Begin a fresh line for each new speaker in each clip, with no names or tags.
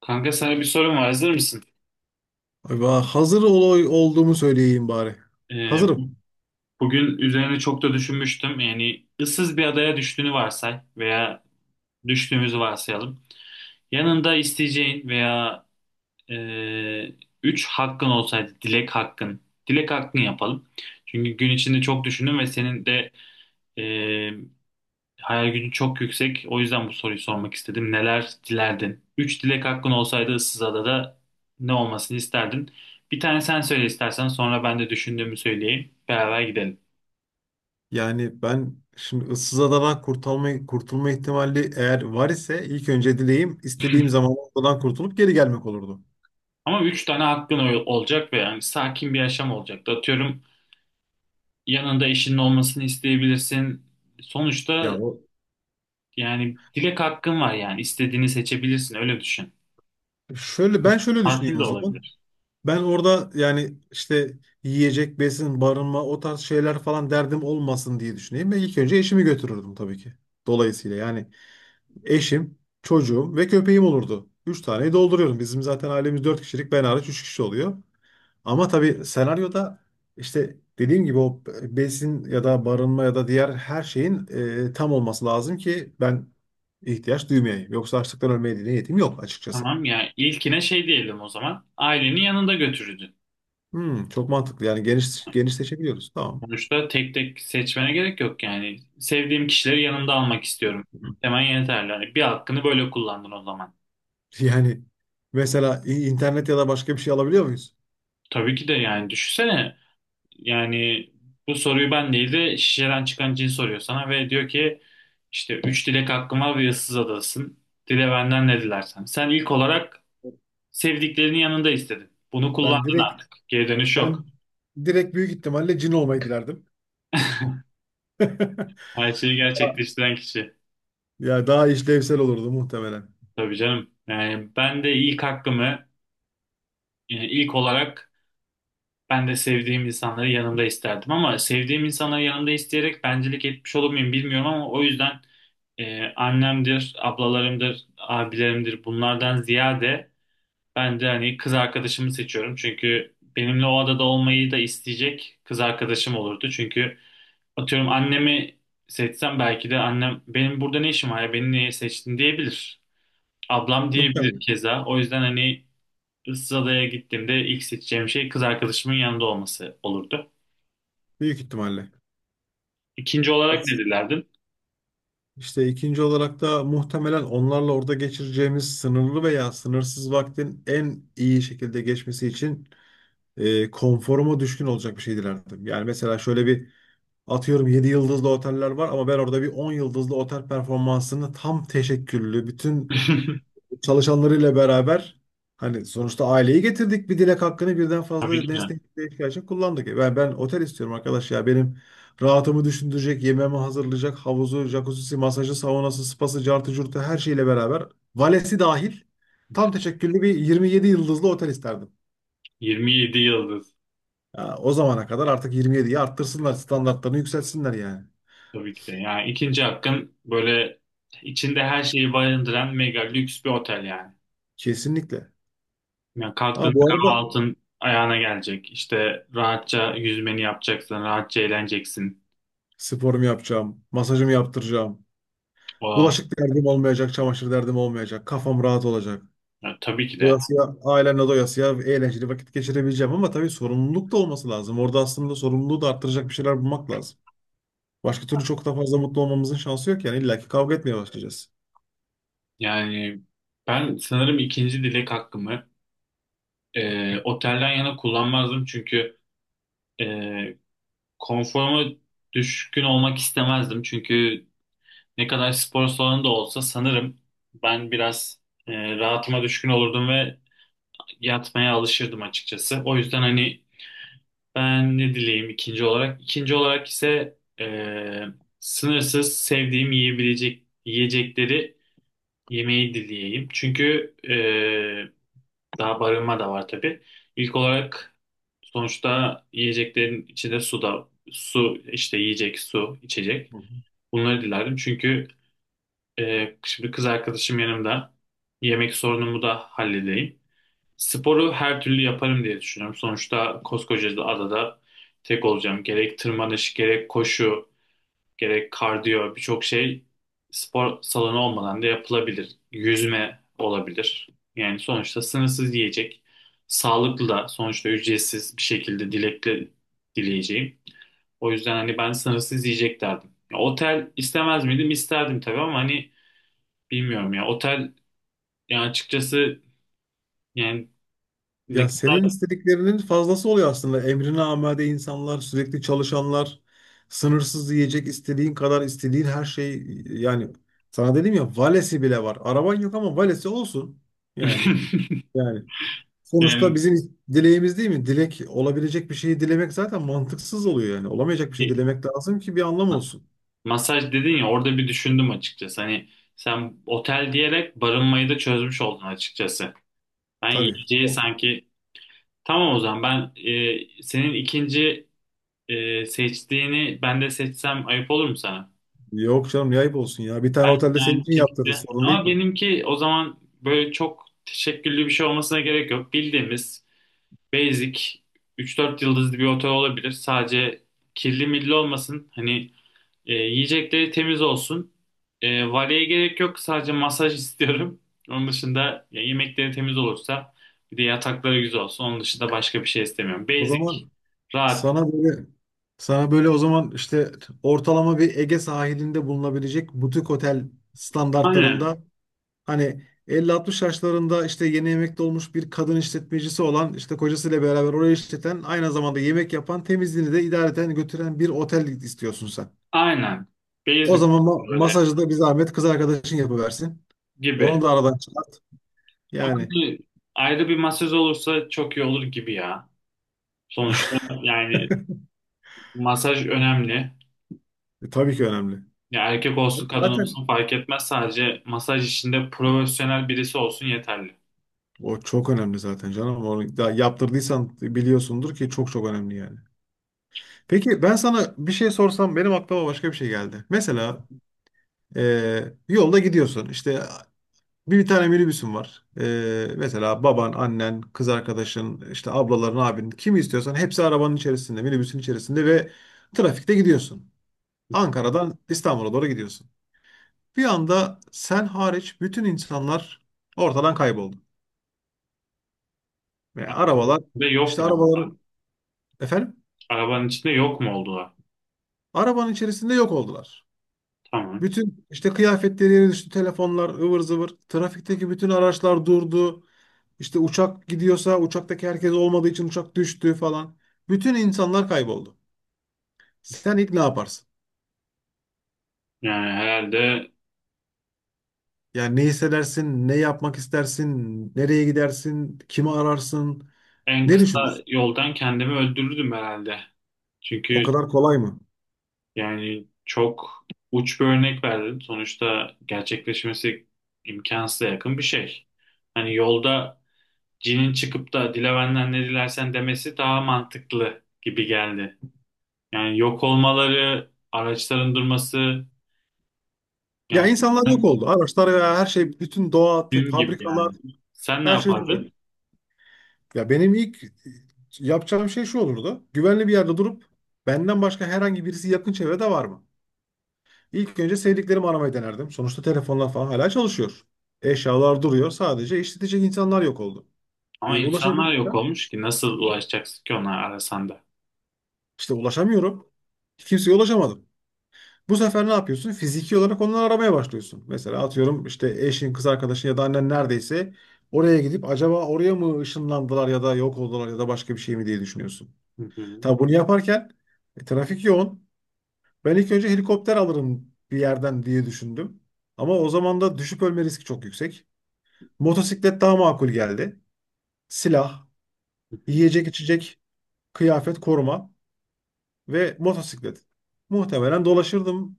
Kanka sana bir sorum var. Hazır mısın?
Ay ben hazır olay olduğumu söyleyeyim bari.
Ee,
Hazırım.
Bugün üzerine çok da düşünmüştüm. Yani ıssız bir adaya düştüğünü varsay veya düştüğümüzü varsayalım. Yanında isteyeceğin veya e, üç hakkın olsaydı, dilek hakkın. Dilek hakkın yapalım. Çünkü gün içinde çok düşündüm ve senin de e, hayal gücün çok yüksek. O yüzden bu soruyu sormak istedim. Neler dilerdin? Üç dilek hakkın olsaydı ıssız adada ne olmasını isterdin? Bir tane sen söyle istersen sonra ben de düşündüğümü söyleyeyim. Beraber gidelim.
Yani ben şimdi ıssız adadan kurtulma ihtimali eğer var ise ilk önce dileğim istediğim zaman oradan kurtulup geri gelmek olurdu.
Ama üç tane hakkın olacak ve yani sakin bir yaşam olacak. Atıyorum yanında eşinin olmasını isteyebilirsin.
Ya
Sonuçta
o
yani dilek hakkın var, yani istediğini seçebilirsin, öyle düşün.
şöyle ben şöyle
Tatil
düşüneyim
de
o zaman.
olabilir.
Ben orada yani işte yiyecek, besin, barınma o tarz şeyler falan derdim olmasın diye düşüneyim ve ilk önce eşimi götürürdüm tabii ki. Dolayısıyla yani eşim, çocuğum ve köpeğim olurdu. Üç taneyi dolduruyorum. Bizim zaten ailemiz dört kişilik ben hariç üç kişi oluyor. Ama tabii senaryoda işte dediğim gibi o besin ya da barınma ya da diğer her şeyin tam olması lazım ki ben ihtiyaç duymayayım. Yoksa açlıktan ölmeye de niyetim yok açıkçası.
Tamam, yani ilkine şey diyelim o zaman. Ailenin yanında götürürdün.
Hmm, çok mantıklı. Yani geniş genişleşebiliyoruz. Tamam.
Sonuçta tek tek seçmene gerek yok yani. Sevdiğim kişileri yanımda almak istiyorum. Hemen yeterli. Hani bir hakkını böyle kullandın o zaman.
Yani mesela internet ya da başka bir şey alabiliyor muyuz?
Tabii ki de, yani düşünsene. Yani bu soruyu ben değil de şişeden çıkan cin soruyor sana ve diyor ki işte üç dilek hakkım var ve ıssız adasın. Dile benden ne dilersen. Sen ilk olarak sevdiklerinin yanında istedin. Bunu
Ben
kullandın
direkt
artık. Geri dönüş
ben
yok.
direkt büyük ihtimalle cin olmayı dilerdim.
Her şeyi gerçekleştiren kişi.
Ya daha işlevsel olurdu muhtemelen.
Tabii canım. Yani ben de ilk hakkımı, yani ilk olarak, ben de sevdiğim insanları yanımda isterdim ama sevdiğim insanları yanımda isteyerek bencilik etmiş olur muyum bilmiyorum ama o yüzden annemdir, ablalarımdır, abilerimdir, bunlardan ziyade ben de hani kız arkadaşımı seçiyorum. Çünkü benimle o adada olmayı da isteyecek kız arkadaşım olurdu. Çünkü atıyorum annemi seçsem belki de annem benim burada ne işim var ya, beni niye seçtin diyebilir. Ablam diyebilir
Muhtemelen.
keza. O yüzden hani Issız Adaya gittiğimde ilk seçeceğim şey kız arkadaşımın yanında olması olurdu.
Büyük ihtimalle.
İkinci olarak ne dilerdin?
İşte ikinci olarak da muhtemelen onlarla orada geçireceğimiz sınırlı veya sınırsız vaktin en iyi şekilde geçmesi için konforuma düşkün olacak bir şey dilerdim. Yani mesela şöyle bir atıyorum 7 yıldızlı oteller var ama ben orada bir 10 yıldızlı otel performansını tam teşekküllü, bütün çalışanlarıyla beraber hani sonuçta aileyi getirdik bir dilek hakkını birden
Tabii
fazla
ki de.
nesneye ihtiyaç için kullandık. Ben otel istiyorum arkadaş ya benim rahatımı düşündürecek, yemeğimi hazırlayacak, havuzu, jacuzzi, masajı, saunası, spası, cartı, curtu her şeyle beraber valesi dahil tam teşekküllü bir 27 yıldızlı otel isterdim.
27 yıldız.
Ya, o zamana kadar artık 27'yi arttırsınlar, standartlarını yükseltsinler yani.
Tabii ki de. Yani ikinci hakkın böyle içinde her şeyi barındıran mega lüks bir otel yani.
Kesinlikle.
Yani
Ha,
kalktığında
bu arada
kahvaltın ayağına gelecek. İşte rahatça yüzmeni yapacaksın, rahatça eğleneceksin.
sporumu yapacağım, masajımı yaptıracağım,
O,
bulaşık derdim olmayacak, çamaşır derdim olmayacak. Kafam rahat olacak.
ya tabii ki de.
Doyasıya, ailemle doyasıya eğlenceli vakit geçirebileceğim ama tabii sorumluluk da olması lazım. Orada aslında sorumluluğu da arttıracak bir şeyler bulmak lazım. Başka türlü çok da fazla mutlu olmamızın şansı yok yani illaki kavga etmeye başlayacağız.
Yani ben sanırım ikinci dilek hakkımı otelden yana kullanmazdım, çünkü e, konforuma düşkün olmak istemezdim. Çünkü ne kadar spor salonu da olsa sanırım ben biraz rahatıma düşkün olurdum ve yatmaya alışırdım açıkçası. O yüzden hani ben ne dileyim ikinci olarak. İkinci olarak ise sınırsız sevdiğim yiyebilecek yiyecekleri yemeyi dileyeyim. Çünkü daha barınma da var tabii. İlk olarak sonuçta yiyeceklerin içinde su da, su işte yiyecek, su içecek.
Hı hı.
Bunları dilerdim çünkü şimdi kız arkadaşım yanımda. Yemek sorunumu da halledeyim. Sporu her türlü yaparım diye düşünüyorum. Sonuçta koskoca da adada tek olacağım. Gerek tırmanış, gerek koşu, gerek kardiyo, birçok şey spor salonu olmadan da yapılabilir. Yüzme olabilir. Yani sonuçta sınırsız yiyecek. Sağlıklı da sonuçta, ücretsiz bir şekilde dilekle dileyeceğim. O yüzden hani ben sınırsız yiyecek derdim. Ya, otel istemez miydim? İsterdim tabii ama hani bilmiyorum ya. Otel, yani açıkçası, yani ne
Ya senin
kadar
istediklerinin fazlası oluyor aslında. Emrine amade insanlar, sürekli çalışanlar, sınırsız yiyecek, istediğin kadar istediğin her şey yani sana dedim ya valesi bile var. Araban yok ama valesi olsun. Yani yani sonuçta
yani
bizim dileğimiz değil mi? Dilek olabilecek bir şeyi dilemek zaten mantıksız oluyor yani. Olamayacak bir şey
bir-
dilemek lazım ki bir anlam olsun.
masaj dedin ya, orada bir düşündüm açıkçası. Hani sen otel diyerek barınmayı da çözmüş oldun açıkçası. Ben
Tabii.
yiyeceği sanki, tamam o zaman ben, senin ikinci seçtiğini ben de seçsem ayıp olur mu sana?
Yok canım ne ayıp olsun ya. Bir tane
Ben
otelde senin
yani
için
bir
yaptırırız
şekilde,
sorun değil
ama
ki.
benimki o zaman böyle çok teşekküllü bir şey olmasına gerek yok. Bildiğimiz basic üç dört yıldızlı bir otel olabilir. Sadece kirli milli olmasın. Hani yiyecekleri temiz olsun. E, valeye gerek yok. Sadece masaj istiyorum. Onun dışında ya, yemekleri temiz olursa bir de yatakları güzel olsun. Onun dışında başka bir şey istemiyorum.
O
Basic,
zaman
rahat.
sana böyle sana böyle o zaman işte ortalama bir Ege sahilinde bulunabilecek butik otel
Aynen,
standartlarında. Hani 50-60 yaşlarında işte yeni emekli olmuş bir kadın işletmecisi olan işte kocasıyla beraber orayı işleten aynı zamanda yemek yapan temizliğini de idareten götüren bir otel istiyorsun sen.
aynen.
O
Basic
zaman
böyle
masajı da bir zahmet kız arkadaşın yapıversin.
gibi.
Onu da aradan çıkart.
Ama
Yani
bir- Ayrı bir masaj olursa çok iyi olur gibi ya. Sonuçta yani masaj önemli.
tabii ki önemli.
Ya erkek olsun kadın
Zaten
olsun fark etmez. Sadece masaj işinde profesyonel birisi olsun yeterli.
o çok önemli zaten canım. Onu da yaptırdıysan biliyorsundur ki çok çok önemli yani. Peki ben sana bir şey sorsam benim aklıma başka bir şey geldi. Mesela e, yolda gidiyorsun işte bir tane minibüsün var. Mesela baban, annen, kız arkadaşın, işte ablaların, abinin kimi istiyorsan hepsi arabanın içerisinde, minibüsün içerisinde ve trafikte gidiyorsun.
Hı hı.
Ankara'dan İstanbul'a doğru gidiyorsun. Bir anda sen hariç bütün insanlar ortadan kayboldu. Ve
Arabanın
arabalar
içinde yok
işte
mu oldular?
arabaların efendim
Arabanın içinde yok mu oldular?
arabanın içerisinde yok oldular.
Tamam.
Bütün işte kıyafetleri yere düştü, telefonlar ıvır zıvır, trafikteki bütün araçlar durdu. İşte uçak gidiyorsa uçaktaki herkes olmadığı için uçak düştü falan. Bütün insanlar kayboldu. Sen ilk ne yaparsın?
Yani herhalde
Yani ne hissedersin, ne yapmak istersin, nereye gidersin, kimi ararsın,
en
ne
kısa
düşünürsün?
yoldan kendimi öldürürdüm herhalde.
O
Çünkü
kadar kolay mı?
yani çok uç bir örnek verdim. Sonuçta gerçekleşmesi imkansıza yakın bir şey. Hani yolda cinin çıkıp da dile benden ne dilersen demesi daha mantıklı gibi geldi. Yani yok olmaları, araçların durması,
Ya
yani
insanlar yok oldu. Araçlar ve her şey, bütün doğa,
film gibi
fabrikalar,
yani. Sen ne
her şey duruyor.
yapardın?
Ya benim ilk yapacağım şey şu olurdu. Güvenli bir yerde durup benden başka herhangi birisi yakın çevrede var mı? İlk önce sevdiklerimi aramayı denerdim. Sonuçta telefonlar falan hala çalışıyor. Eşyalar duruyor. Sadece işletecek insanlar yok oldu.
Ama
E,
insanlar yok
ulaşabilirsem
olmuş ki, nasıl ulaşacaksın ki ona arasan da?
işte ulaşamıyorum. Kimseye ulaşamadım. Bu sefer ne yapıyorsun? Fiziki olarak onları aramaya başlıyorsun. Mesela atıyorum işte eşin, kız arkadaşın ya da annen neredeyse oraya gidip acaba oraya mı ışınlandılar ya da yok oldular ya da başka bir şey mi diye düşünüyorsun.
Hı hı,
Tabii bunu yaparken trafik yoğun. Ben ilk önce helikopter alırım bir yerden diye düşündüm. Ama o zaman da düşüp ölme riski çok yüksek. Motosiklet daha makul geldi. Silah,
hı hı.
yiyecek içecek, kıyafet, koruma ve motosiklet. Muhtemelen dolaşırdım.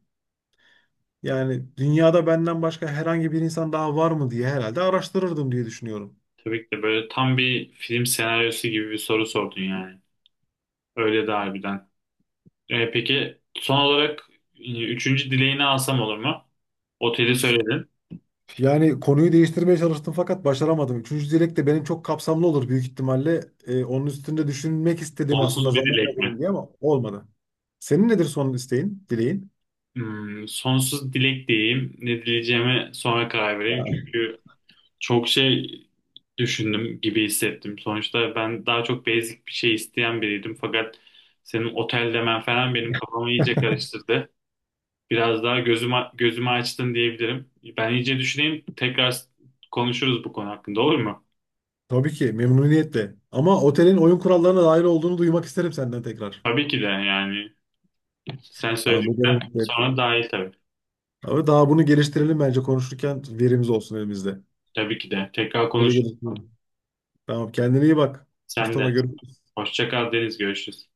Yani dünyada benden başka herhangi bir insan daha var mı diye herhalde araştırırdım diye düşünüyorum.
Tabii ki de böyle tam bir film senaryosu gibi bir soru sordun yani. Öyle de harbiden. E, peki son olarak üçüncü dileğini alsam olur mu? Oteli söyledin.
Yani konuyu değiştirmeye çalıştım fakat başaramadım. Üçüncü dilek de benim çok kapsamlı olur büyük ihtimalle. Onun üstünde düşünmek istedim aslında
Sonsuz bir
zaman
dilek mi?
kazanayım diye ama olmadı. Senin nedir son isteğin, dileğin?
Hmm, sonsuz dilek diyeyim. Ne dileyeceğime sonra karar vereyim. Çünkü çok şey düşündüm gibi hissettim. Sonuçta ben daha çok basic bir şey isteyen biriydim. Fakat senin otel demen falan benim kafamı iyice karıştırdı. Biraz daha gözümü, gözümü açtın diyebilirim. Ben iyice düşüneyim. Tekrar konuşuruz bu konu hakkında, olur mu?
Tabii ki memnuniyetle. Ama otelin oyun kurallarına dair olduğunu duymak isterim senden tekrar.
Tabii ki de yani. Sen
Tamam, bu
söyledikten
benim. Evet.
sonra dahil tabii.
Ama daha bunu geliştirelim bence konuşurken verimiz olsun elimizde.
Tabii ki de. Tekrar
Böyle
konuşuruz.
geliştirelim. Tamam kendine iyi bak.
Sen
Mustafa
de.
görüşürüz.
Hoşça kal Deniz. Görüşürüz.